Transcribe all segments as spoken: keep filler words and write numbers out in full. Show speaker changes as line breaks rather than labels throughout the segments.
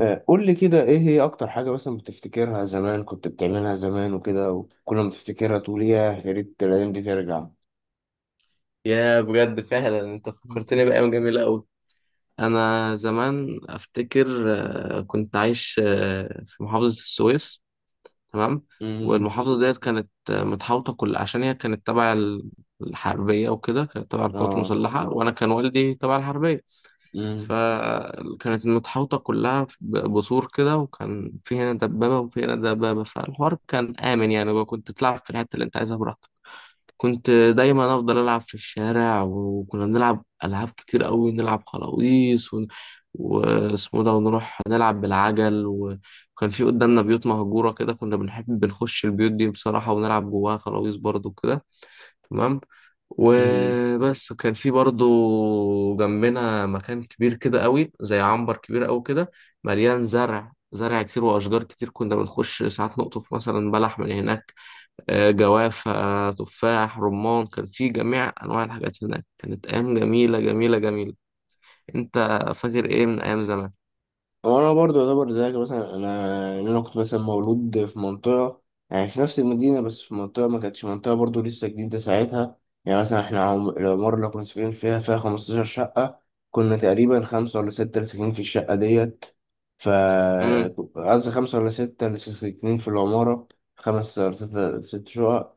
آه، قول لي كده، ايه هي اكتر حاجة مثلا بتفتكرها؟ زمان كنت بتعملها زمان وكده، وكل ما تفتكرها تقول ياه، يا ريت الايام دي ترجع.
يا بجد فعلا انت
مم.
فكرتني بأيام جميلة أوي. أنا زمان أفتكر آه، كنت عايش آه، في محافظة السويس. تمام.
امم.
والمحافظة ديت كانت آه، متحوطة كل عشان هي كانت تبع ال- الحربية وكده، كانت تبع القوات
اه.
المسلحة، وأنا كان والدي تبع الحربية.
مم.
فكانت متحوطة كلها ب- بسور كده، وكان في هنا دبابة وفي هنا دبابة، فالحوار كان آمن يعني، وكنت تلعب في الحتة اللي أنت عايزها براحتك. كنت دايما افضل العب في الشارع، وكنا بنلعب العاب كتير قوي. نلعب خلاويص ون- واسمه ده، ونروح نلعب بالعجل. وكان في قدامنا بيوت مهجوره كده، كنا بنحب بنخش البيوت دي بصراحه ونلعب جواها خلاويص برضو كده. تمام.
مم.
وبس كان في برضو جنبنا مكان كبير كده قوي، زي عنبر كبير قوي كده، مليان زرع. زرع كتير واشجار كتير، كنا بنخش ساعات نقطف مثلا بلح من هناك، آه، جوافة، تفاح، رمان. كان في جميع أنواع الحاجات هناك. كانت أيام جميلة جميلة جميلة. أنت فاكر إيه من أيام زمان؟
هو انا برضه يعتبر زيك، مثلا انا إن انا كنت مثلا مولود في منطقه، يعني في نفس المدينه، بس في منطقه ما كانتش منطقه برضه، لسه جديده ساعتها. يعني مثلا احنا عم- العماره اللي كنا ساكنين فيها فيها خمستاشر شقة شقه. كنا تقريبا خمسه ولا سته اللي ساكنين في الشقه ديت. ف
امم.
قصدي خمسه ولا سته اللي ساكنين في العماره، خمس ولا ست ست شقق.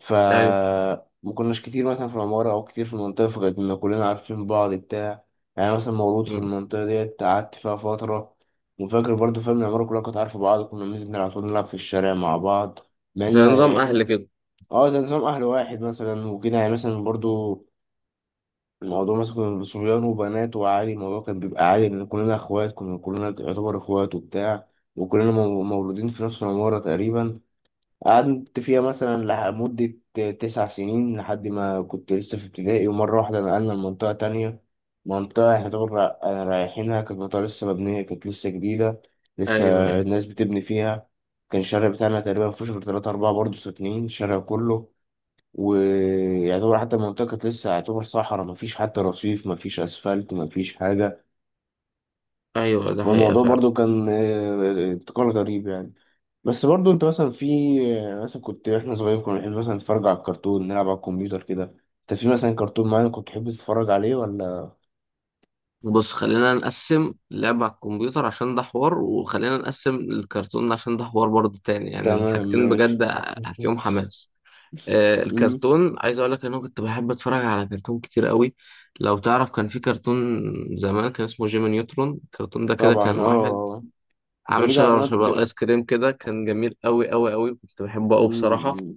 ف
أيوه.
ما كناش كتير مثلا في العمارة أو كتير في المنطقة، فكانت إن كلنا عارفين بعض بتاع يعني أنا مثلا مولود في
امم.
المنطقة ديت، قعدت فيها فترة وفاكر برضه، فاهم، العمارة كلها كانت عارفة بعض، كنا بننزل على طول نلعب في الشارع مع بعض. مع
زي
إن
نظام أهل كده.
اه، زي نظام أهل واحد مثلا وكده، يعني مثلا برضه الموضوع، مثلا كنا صبيان وبنات وعادي، الموضوع كان بيبقى عادي، لأن كلنا إخوات، كنا كلنا يعتبر إخوات وبتاع، وكلنا مو- مولودين في نفس العمارة تقريبا. قعدت فيها مثلا لح- مدة تسع سنين لحد ما كنت لسه في ابتدائي، ومرة واحدة نقلنا لمنطقة تانية، منطقة احنا طبعا را- رايحينها، كانت منطقة لسه مبنية، كانت لسه جديدة، لسه
أيوه، أيوه،
الناس بتبني فيها. كان الشارع بتاعنا تقريبا مفيهوش غير تلاتة أربعة برضه ساكنين الشارع كله، ويعتبر حتى المنطقة كانت لسه يعتبر صحراء، مفيش حتى رصيف، مفيش أسفلت، مفيش حاجة.
أيوه، ده حقيقة
والموضوع
فعلا.
برضو كان آه، ابتكار غريب يعني. بس برضو انت مثلا في آه، مثلا كنت، احنا صغيرين كنا بنحب مثلا نتفرج على الكرتون، نلعب على الكمبيوتر كده. انت في مثلا كرتون معين كنت تحب تتفرج عليه ولا؟
بص، خلينا نقسم لعبة على الكمبيوتر عشان ده حوار، وخلينا نقسم الكرتون عشان ده حوار برضو تاني، يعني
تمام
الحاجتين
ماشي.
بجد فيهم حماس. آه،
مم.
الكرتون، عايز اقول لك ان انا كنت بحب اتفرج على كرتون كتير قوي. لو تعرف، كان في كرتون زمان كان اسمه جيمي نيوترون. الكرتون ده كده كان
طبعا
واحد
اه. وكان
عامل
بيجي على
شجرة
قناة؟
شبه الايس كريم كده، كان جميل قوي قوي قوي، كنت بحبه قوي بصراحة.
مم.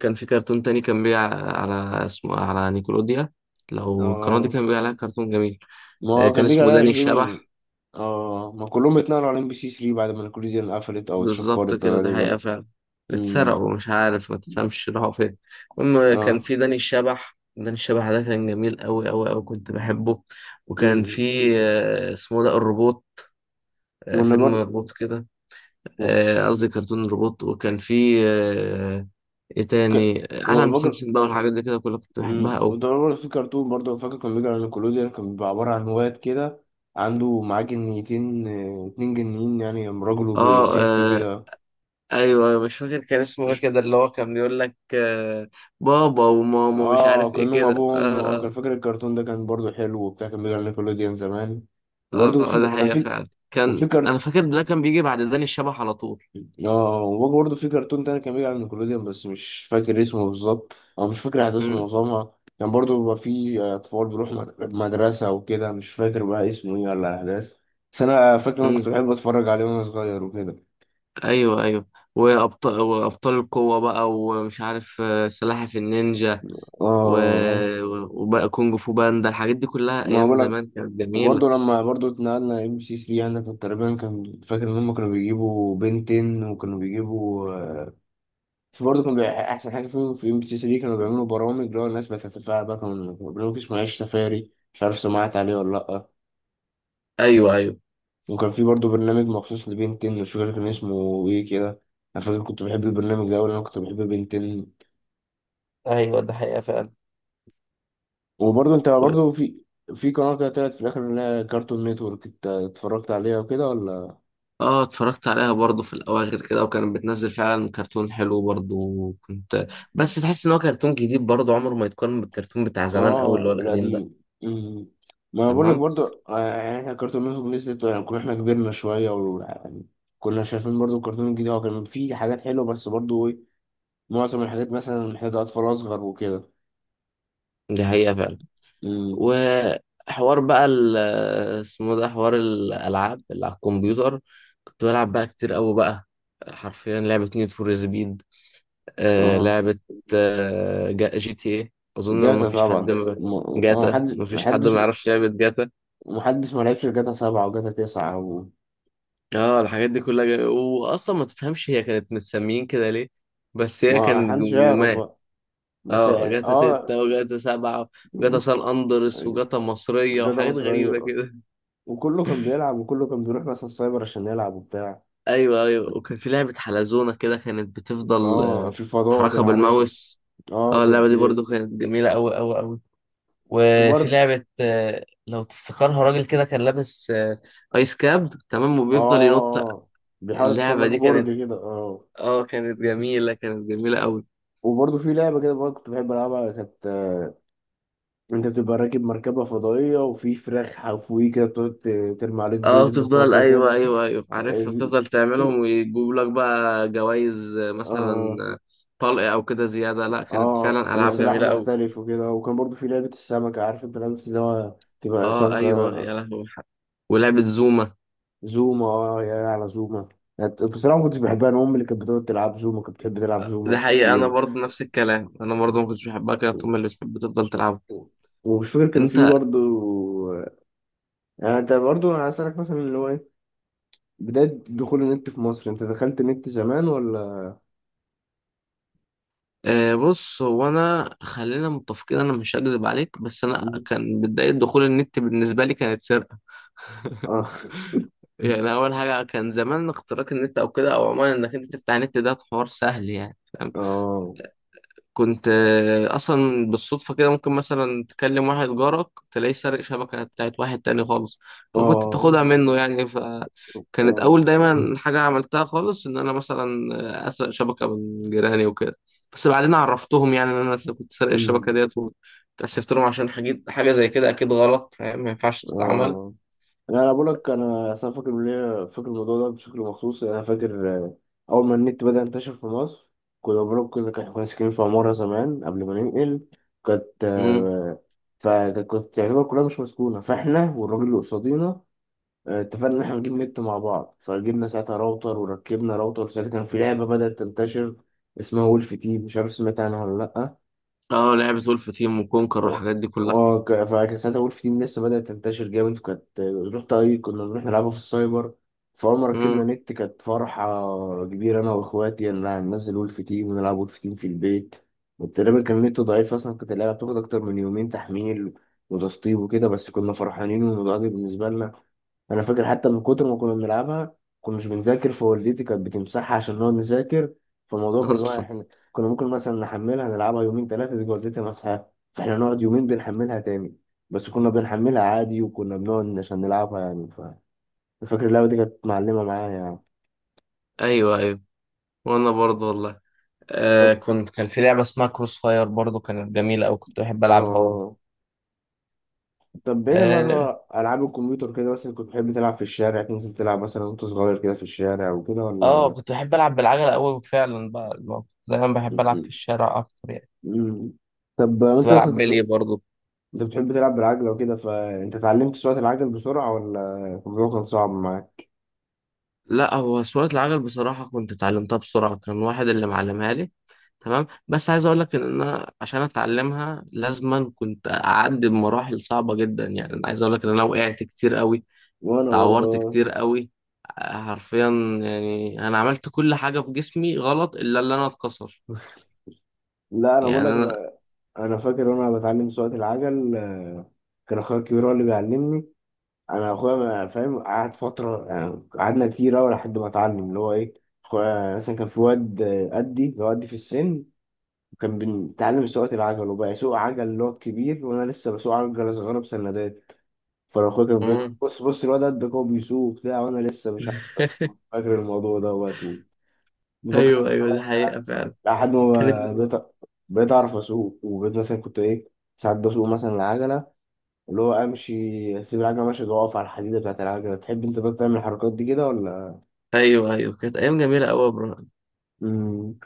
كان في كرتون تاني كان بيع على، اسمه على نيكولوديا. لو القناة دي
اه.
كان بيع عليها كرتون جميل،
ما
آه،
هو
كان
كان بيجي
اسمه
عليها
داني
جيمي.
الشبح.
اه، ما كلهم اتنقلوا على ام بي سي تلاتة بعد ما الكوليزيون قفلت او
بالظبط
اتشفرت
كده، ده حقيقة
غالبا.
فعلا.
مم.
اتسرقوا مش عارف، ما تفهمش راحوا فين. المهم، كان
اه.
في داني الشبح. داني الشبح ده كان جميل أوي أوي أوي، كنت بحبه. وكان
مم.
في آه، اسمه ده الروبوت. آه،
وانا
فيلم
برضو.
روبوت كده. آه، قصدي كرتون روبوت. وكان في آه، ايه تاني، عالم سمسم بقى، والحاجات دي كده كلها كنت بحبها
امم.
أوي.
وده برضه في كرتون برضه فاكر، كان بيجي على نيكولوديان، كان بيبقى عبارة عن واد كده عنده معاه جنيتين، آه، اتنين جنيين، يعني راجل
اه،
وست
آه،
وكده.
ايوه، أيوة، مش فاكر كان اسمه ايه
ش-
كده، اللي هو كان بيقول لك آه، بابا وماما، مش
اه،
عارف ايه
كأنهم
كده. اه،
أبوهم، اه
آه،
كان فاكر الكرتون ده، كان برضه حلو وبتاع، كان بيجي على نيكولوديان زمان. وبرضه في،
اه، ده
أنا
حقيقة
في،
فعلا،
وفي،
كان انا فاكر ده كان بيجي بعد داني الشبح على طول.
اه وباجي برضه في كرتون تاني كان بيجي على نيكولوديان، بس مش فاكر اسمه بالظبط، او مش فاكر احداثه،
امم.
معظمها كان برضه بيبقى فيه آه، اطفال بيروحوا مد- مدرسة وكده، مش فاكر بقى اسمه ايه ولا الاحداث، بس انا فاكر إن انا كنت
امم.
بحب اتفرج عليه وانا صغير وكده.
ايوه، ايوه. وابطال، وابطال القوة بقى، ومش عارف آه، سلاحف النينجا و...
اه.
و- وبقى كونج فو باندا. الحاجات دي كلها
ما
ايام
بقولك،
زمان كانت جميلة.
وبرضه لما برضه اتنقلنا ام بي سي تلاتة، انا كنت تقريبا، كان فاكر ان هم كانوا بيجيبوا بنتين وكانوا بيجيبوا برضه، كان بيبقى أحسن حاجة فيهم في ام بي سي تلاتة كانوا بيعملوا برامج اللي هو الناس بتتفاعل، بقى كانوا برنامج اسمه عيش سفاري، مش عارف سمعت عليه ولا لأ.
ايوه ايوه
وكان في برضه برنامج مخصوص لبنتين، مش فاكر كان اسمه إيه كده. أنا فاكر كنت بحب البرنامج ده، وأنا كنت بحب بنتين.
ايوه، ده حقيقة فعلا.
وبرضه أنت
و...
برضه في، في قناة كده طلعت في الآخر اللي هي كارتون نتورك، أنت اتفرجت عليها وكده ولا؟
اه، اتفرجت عليها برضو في الاواخر كده، وكانت بتنزل فعلا كرتون حلو برضو. وكنت، بس تحس ان هو كرتون جديد برضو، عمره ما يتقارن بالكرتون بتاع زمان قوي
اه
اللي هو القديم ده.
القديم. مم. ما أنا بقول لك
تمام.
برضو، آه، يعني احنا الكرتون نتورك لسه يعني، كنا احنا كبرنا شويه و يعني كنا شايفين برضو الكرتون الجديد، هو كان فيه حاجات حلوه، بس برضو ايه، معظم الحاجات مثلا محتاجه اطفال اصغر وكده.
دي حقيقة فعلا.
مم.
وحوار بقى ال- اسمه ده، حوار الألعاب اللي على الكمبيوتر. كنت بلعب بقى كتير قوي بقى. حرفيا لعبة نيد فور سبيد. آه،
اه،
لعبة آه، جا- جي تي ايه أظن، ما
جاتا
فيش حد
طبعا
ما،
م- اه،
جاتا،
محدش
ما فيش حد
محدش
ما يعرفش لعبة جاتا.
محدش ما لعبش جاتا سبعة وجاتا تسعة و...
اه الحاجات دي كلها جا... وأصلا ما تفهمش هي كانت متسميين كده ليه، بس هي
ما
كانت
حدش يعرف
جمجمات.
بقى. بس
اه جاتا ستة
اه،
وجاتا سبعة وجاتا سان أندرس وجاتا مصرية
جاتا
وحاجات
مصرية،
غريبة كده.
وكله كان بيلعب، وكله كان بيروح مثلا السايبر عشان يلعب وبتاع.
ايوه ايوه. وكان في لعبه حلزونه كده، كانت بتفضل
اه،
آه،
في الفضاء دي
تحركها
انا عارفها.
بالماوس.
اه،
اه اللعبه
كانت
دي برضو
بت-
كانت جميله قوي قوي قوي. وفي
الورد.
لعبه آه، لو تفتكرها، راجل كده كان لابس آه، ايس كاب، تمام،
اه آه،
وبيفضل ينط.
آه، بيحاول يتسلق
اللعبه دي كانت،
برج كده اه.
اه، كانت
مم.
جميله، كانت جميله قوي.
وبرضه في لعبة كده برضه كنت بحب ألعبها، كانت آه، أنت بتبقى راكب مركبة فضائية وفي فراخ حفويه كده بتقعد ت- ترمي عليك بيض،
اه
أنت بتقعد
بتفضل، ايوه
تقتلها.
ايوه ايوه عارفها،
ال-
بتفضل تعملهم ويجيب لك بقى جوائز، آه، مثلا
آه
آه، طلق او كده زياده. لا، كانت
آه
فعلا العاب
وسلاح
جميله قوي.
مختلف وكده، وكان برضه في لعبة السمكة، عارف أنت لعبة اللي هو تبقى
اه
سمكة؟
ايوه يا لهوي، ولعبه زوما.
زوما. اه، يا على زوما. يعني بصراحة ما كنتش بحبها، أنا أمي اللي كانت بتقعد تلعب زوما، كانت بتحب تلعب زوما
ده حقيقة، أنا
كتير.
برضه نفس الكلام، أنا برضه ما كنتش بحبها كده، طول ما اللي بتحب تفضل تلعبها.
ومش فاكر كان
أنت،
في برضه، يعني أنت برضه، أنا هسألك مثلا اللي هو إيه بداية دخول النت في مصر؟ أنت دخلت نت زمان ولا؟
آه بص، هو أنا خلينا متفقين، أنا مش هكذب عليك، بس أنا كان بداية دخول النت بالنسبة لي كانت سرقة.
آه.
يعني أول حاجة كان زمان اختراق النت أو كده، أو عموما إنك أنت تفتح النت ده حوار سهل يعني.
آه.
كنت آه، اصلا بالصدفه كده، ممكن مثلا تكلم واحد جارك تلاقيه سارق شبكه بتاعت واحد تاني خالص، فكنت
آه.
تاخدها منه يعني. فكانت
آه.
اول دايما حاجه عملتها خالص ان انا مثلا آه، اسرق شبكه من جيراني وكده. بس بعدين عرفتهم يعني ان انا س- كنت سارق الشبكه
أمم.
ديت، واتأسفت لهم عشان حاجه، حاجه زي كده اكيد غلط فاهم، ما ينفعش تتعمل.
آه. لا، انا بقول لك، انا أصل أنا فاكر ليه فاكر الموضوع ده بشكل مخصوص، يعني انا فاكر، آه، اول ما النت بدأ ينتشر في مصر، كنا بقول، كنا كنا ساكنين في عمارة زمان قبل ما ننقل، كانت
امم.
آه، فكانت تعتبر كلها مش مسكونة، فاحنا والراجل اللي قصادينا آه، اتفقنا ان احنا نجيب نت مع بعض، فجبنا ساعتها راوتر وركبنا راوتر. ساعتها كان في لعبة بدأت تنتشر اسمها وولف تيم، مش عارف سمعت عنها ولا لأ.
اه، لعبه ولف تيم وكونكر
اه.
والحاجات دي كلها.
اه ك- فكان ساعتها وولف تيم لسه بدأت تنتشر جامد، وكانت رحت اي كنا بنروح نلعبها في السايبر. فأول ما ركبنا
امم.
نت كانت فرحة كبيرة، أنا وإخواتي، إن أنا هننزل وولف تيم ونلعب وولف تيم في البيت. وتقريبا كان النت ضعيف أصلا، كانت اللعبة بتاخد أكتر من يومين تحميل وتسطيب وكده، بس كنا فرحانين والموضوع ده بالنسبة لنا. انا فاكر حتى من كتر ما كنا بنلعبها كنا مش بنذاكر، فوالدتي كانت بتمسحها عشان نقعد نذاكر. فالموضوع كان هو
اصلا.
احنا كنا ممكن مثلا نحملها نلعبها يومين ثلاثه، تيجي والدتي مسحها، فاحنا نقعد يومين بنحملها تاني. بس كنا بنحملها عادي وكنا بنقعد عشان نلعبها يعني. ف فاكر اللعبه دي كانت معلمه معايا يعني.
ايوه ايوه. وانا برضه والله، آه
طب
كنت، كان في لعبة اسمها كروس فاير برضو، كانت جميلة أوي، كنت بحب ألعبها برضو.
اه طب بعيدا برضه
آه,
عن العاب الكمبيوتر كده، مثلا كنت بتحب تلعب في الشارع، تنزل تلعب مثلا وانت صغير كده في الشارع وكده
آه
ولا؟
كنت بحب ألعب بالعجلة أوي فعلا بقى، اللي هو كنت دايما
م-
بحب ألعب في
م-
الشارع أكتر يعني.
م- طب
كنت
انت
بلعب
مثلا،
بلي برضو.
انت بتحب تلعب بالعجلة وكده، فانت اتعلمت سواقة العجل بسرعة ولا الموضوع كان صعب معاك؟
لا، هو سواقة العجل بصراحة كنت اتعلمتها بسرعة، كان واحد اللي معلمها لي. تمام. بس عايز أقول لك إن أنا عشان أتعلمها لازما كنت أعدي بمراحل صعبة جدا. يعني أنا عايز أقول لك إن أنا وقعت كتير أوي،
وانا
اتعورت
برضه.
كتير قوي، حرفيا. يعني انا عملت كل حاجة في جسمي غلط الا اللي انا اتكسر.
لا، انا
يعني
بقول لك،
انا،
انا انا فاكر وانا بتعلم سواقة العجل، آه، كان اخويا الكبير هو اللي بيعلمني. انا اخويا ما- فاهم، قعد فترة، يعني قعدنا كتير اوي لحد ما اتعلم اللي هو ايه. اخويا مثلا كان في واد آه، قدي، اللي هو قدي في السن، كان بيتعلم سواقة العجل وبقى يسوق عجل اللي هو الكبير، وانا لسه بسوق عجلة صغيرة بسندات. فالاخويا كان بيقول
مم.
بص بص، الواد قدك هو بيسوق وبتاع، وانا لسه مش عارف اسوق. فاكر الموضوع دوت ومتوقع،
ايوه ايوه، دي حقيقة فعلا.
لحد
كانت،
ما بقيت بقيت اعرف اسوق، وبقيت مثلا كنت ايه، ساعات بسوق مثلا العجله اللي هو امشي، اسيب العجله ماشيه واقف على الحديده بتاعت العجله. تحب انت بقى تعمل الحركات دي كده ولا؟
ايوه ايوه، كانت ايام جميلة قوي يا ابراهيم.
امم.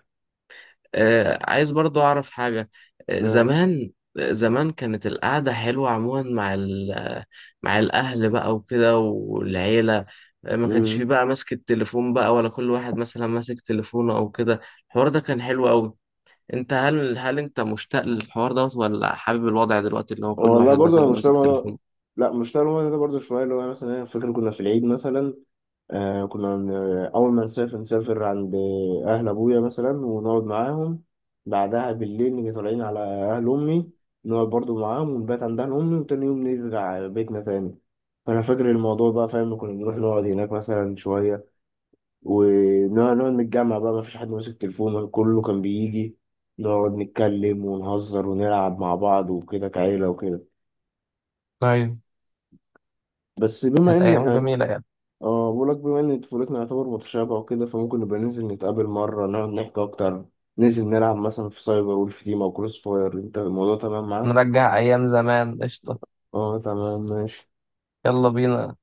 آه عايز برضو اعرف حاجة. آه زمان، آه، زمان كانت القعدة حلوة عموما مع ال- مع الاهل بقى وكده والعيلة، آه، ما كانش فيه
امم.
بقى ماسك التليفون بقى، ولا كل واحد مثلا ماسك تليفونه او كده. الحوار ده كان حلو قوي. انت، هل هل انت مشتاق للحوار دوت، ولا حابب الوضع دلوقتي اللي هو كل
والله
واحد
برضه،
مثلا
انا مش طالع
ماسك
الموضوع-
تليفونه؟
لا، مش طالع الموضوع ده برضه شويه، اللي هو مثلا أنا فاكر كنا في العيد مثلا، آه كنا من أول ما نسافر، نسافر عند أهل أبويا مثلا ونقعد معاهم، بعدها بالليل نيجي طالعين على أهل أمي، نقعد برضو معاهم ونبات عند أهل أمي، وتاني يوم نرجع بيتنا تاني. فأنا فاكر الموضوع بقى، فاهم، كنا بنروح نقعد هناك مثلا شوية، ونقعد نقعد نتجمع بقى، مفيش حد ماسك تليفونه، كله كان بيجي نقعد نتكلم ونهزر ونلعب مع بعض وكده كعيلة وكده.
طيب،
بس بما
كانت
إن
أيام
إحنا
جميلة يعني.
اه، بقولك بما ان طفولتنا يعتبر متشابهة وكده، فممكن نبقى ننزل نتقابل مرة نقعد نحكي اكتر، ننزل نلعب مثلا في سايبر وولف تيم او كروس فاير، انت الموضوع تمام معاك؟
نرجع أيام زمان قشطة.
اه تمام ماشي.
يلا بينا.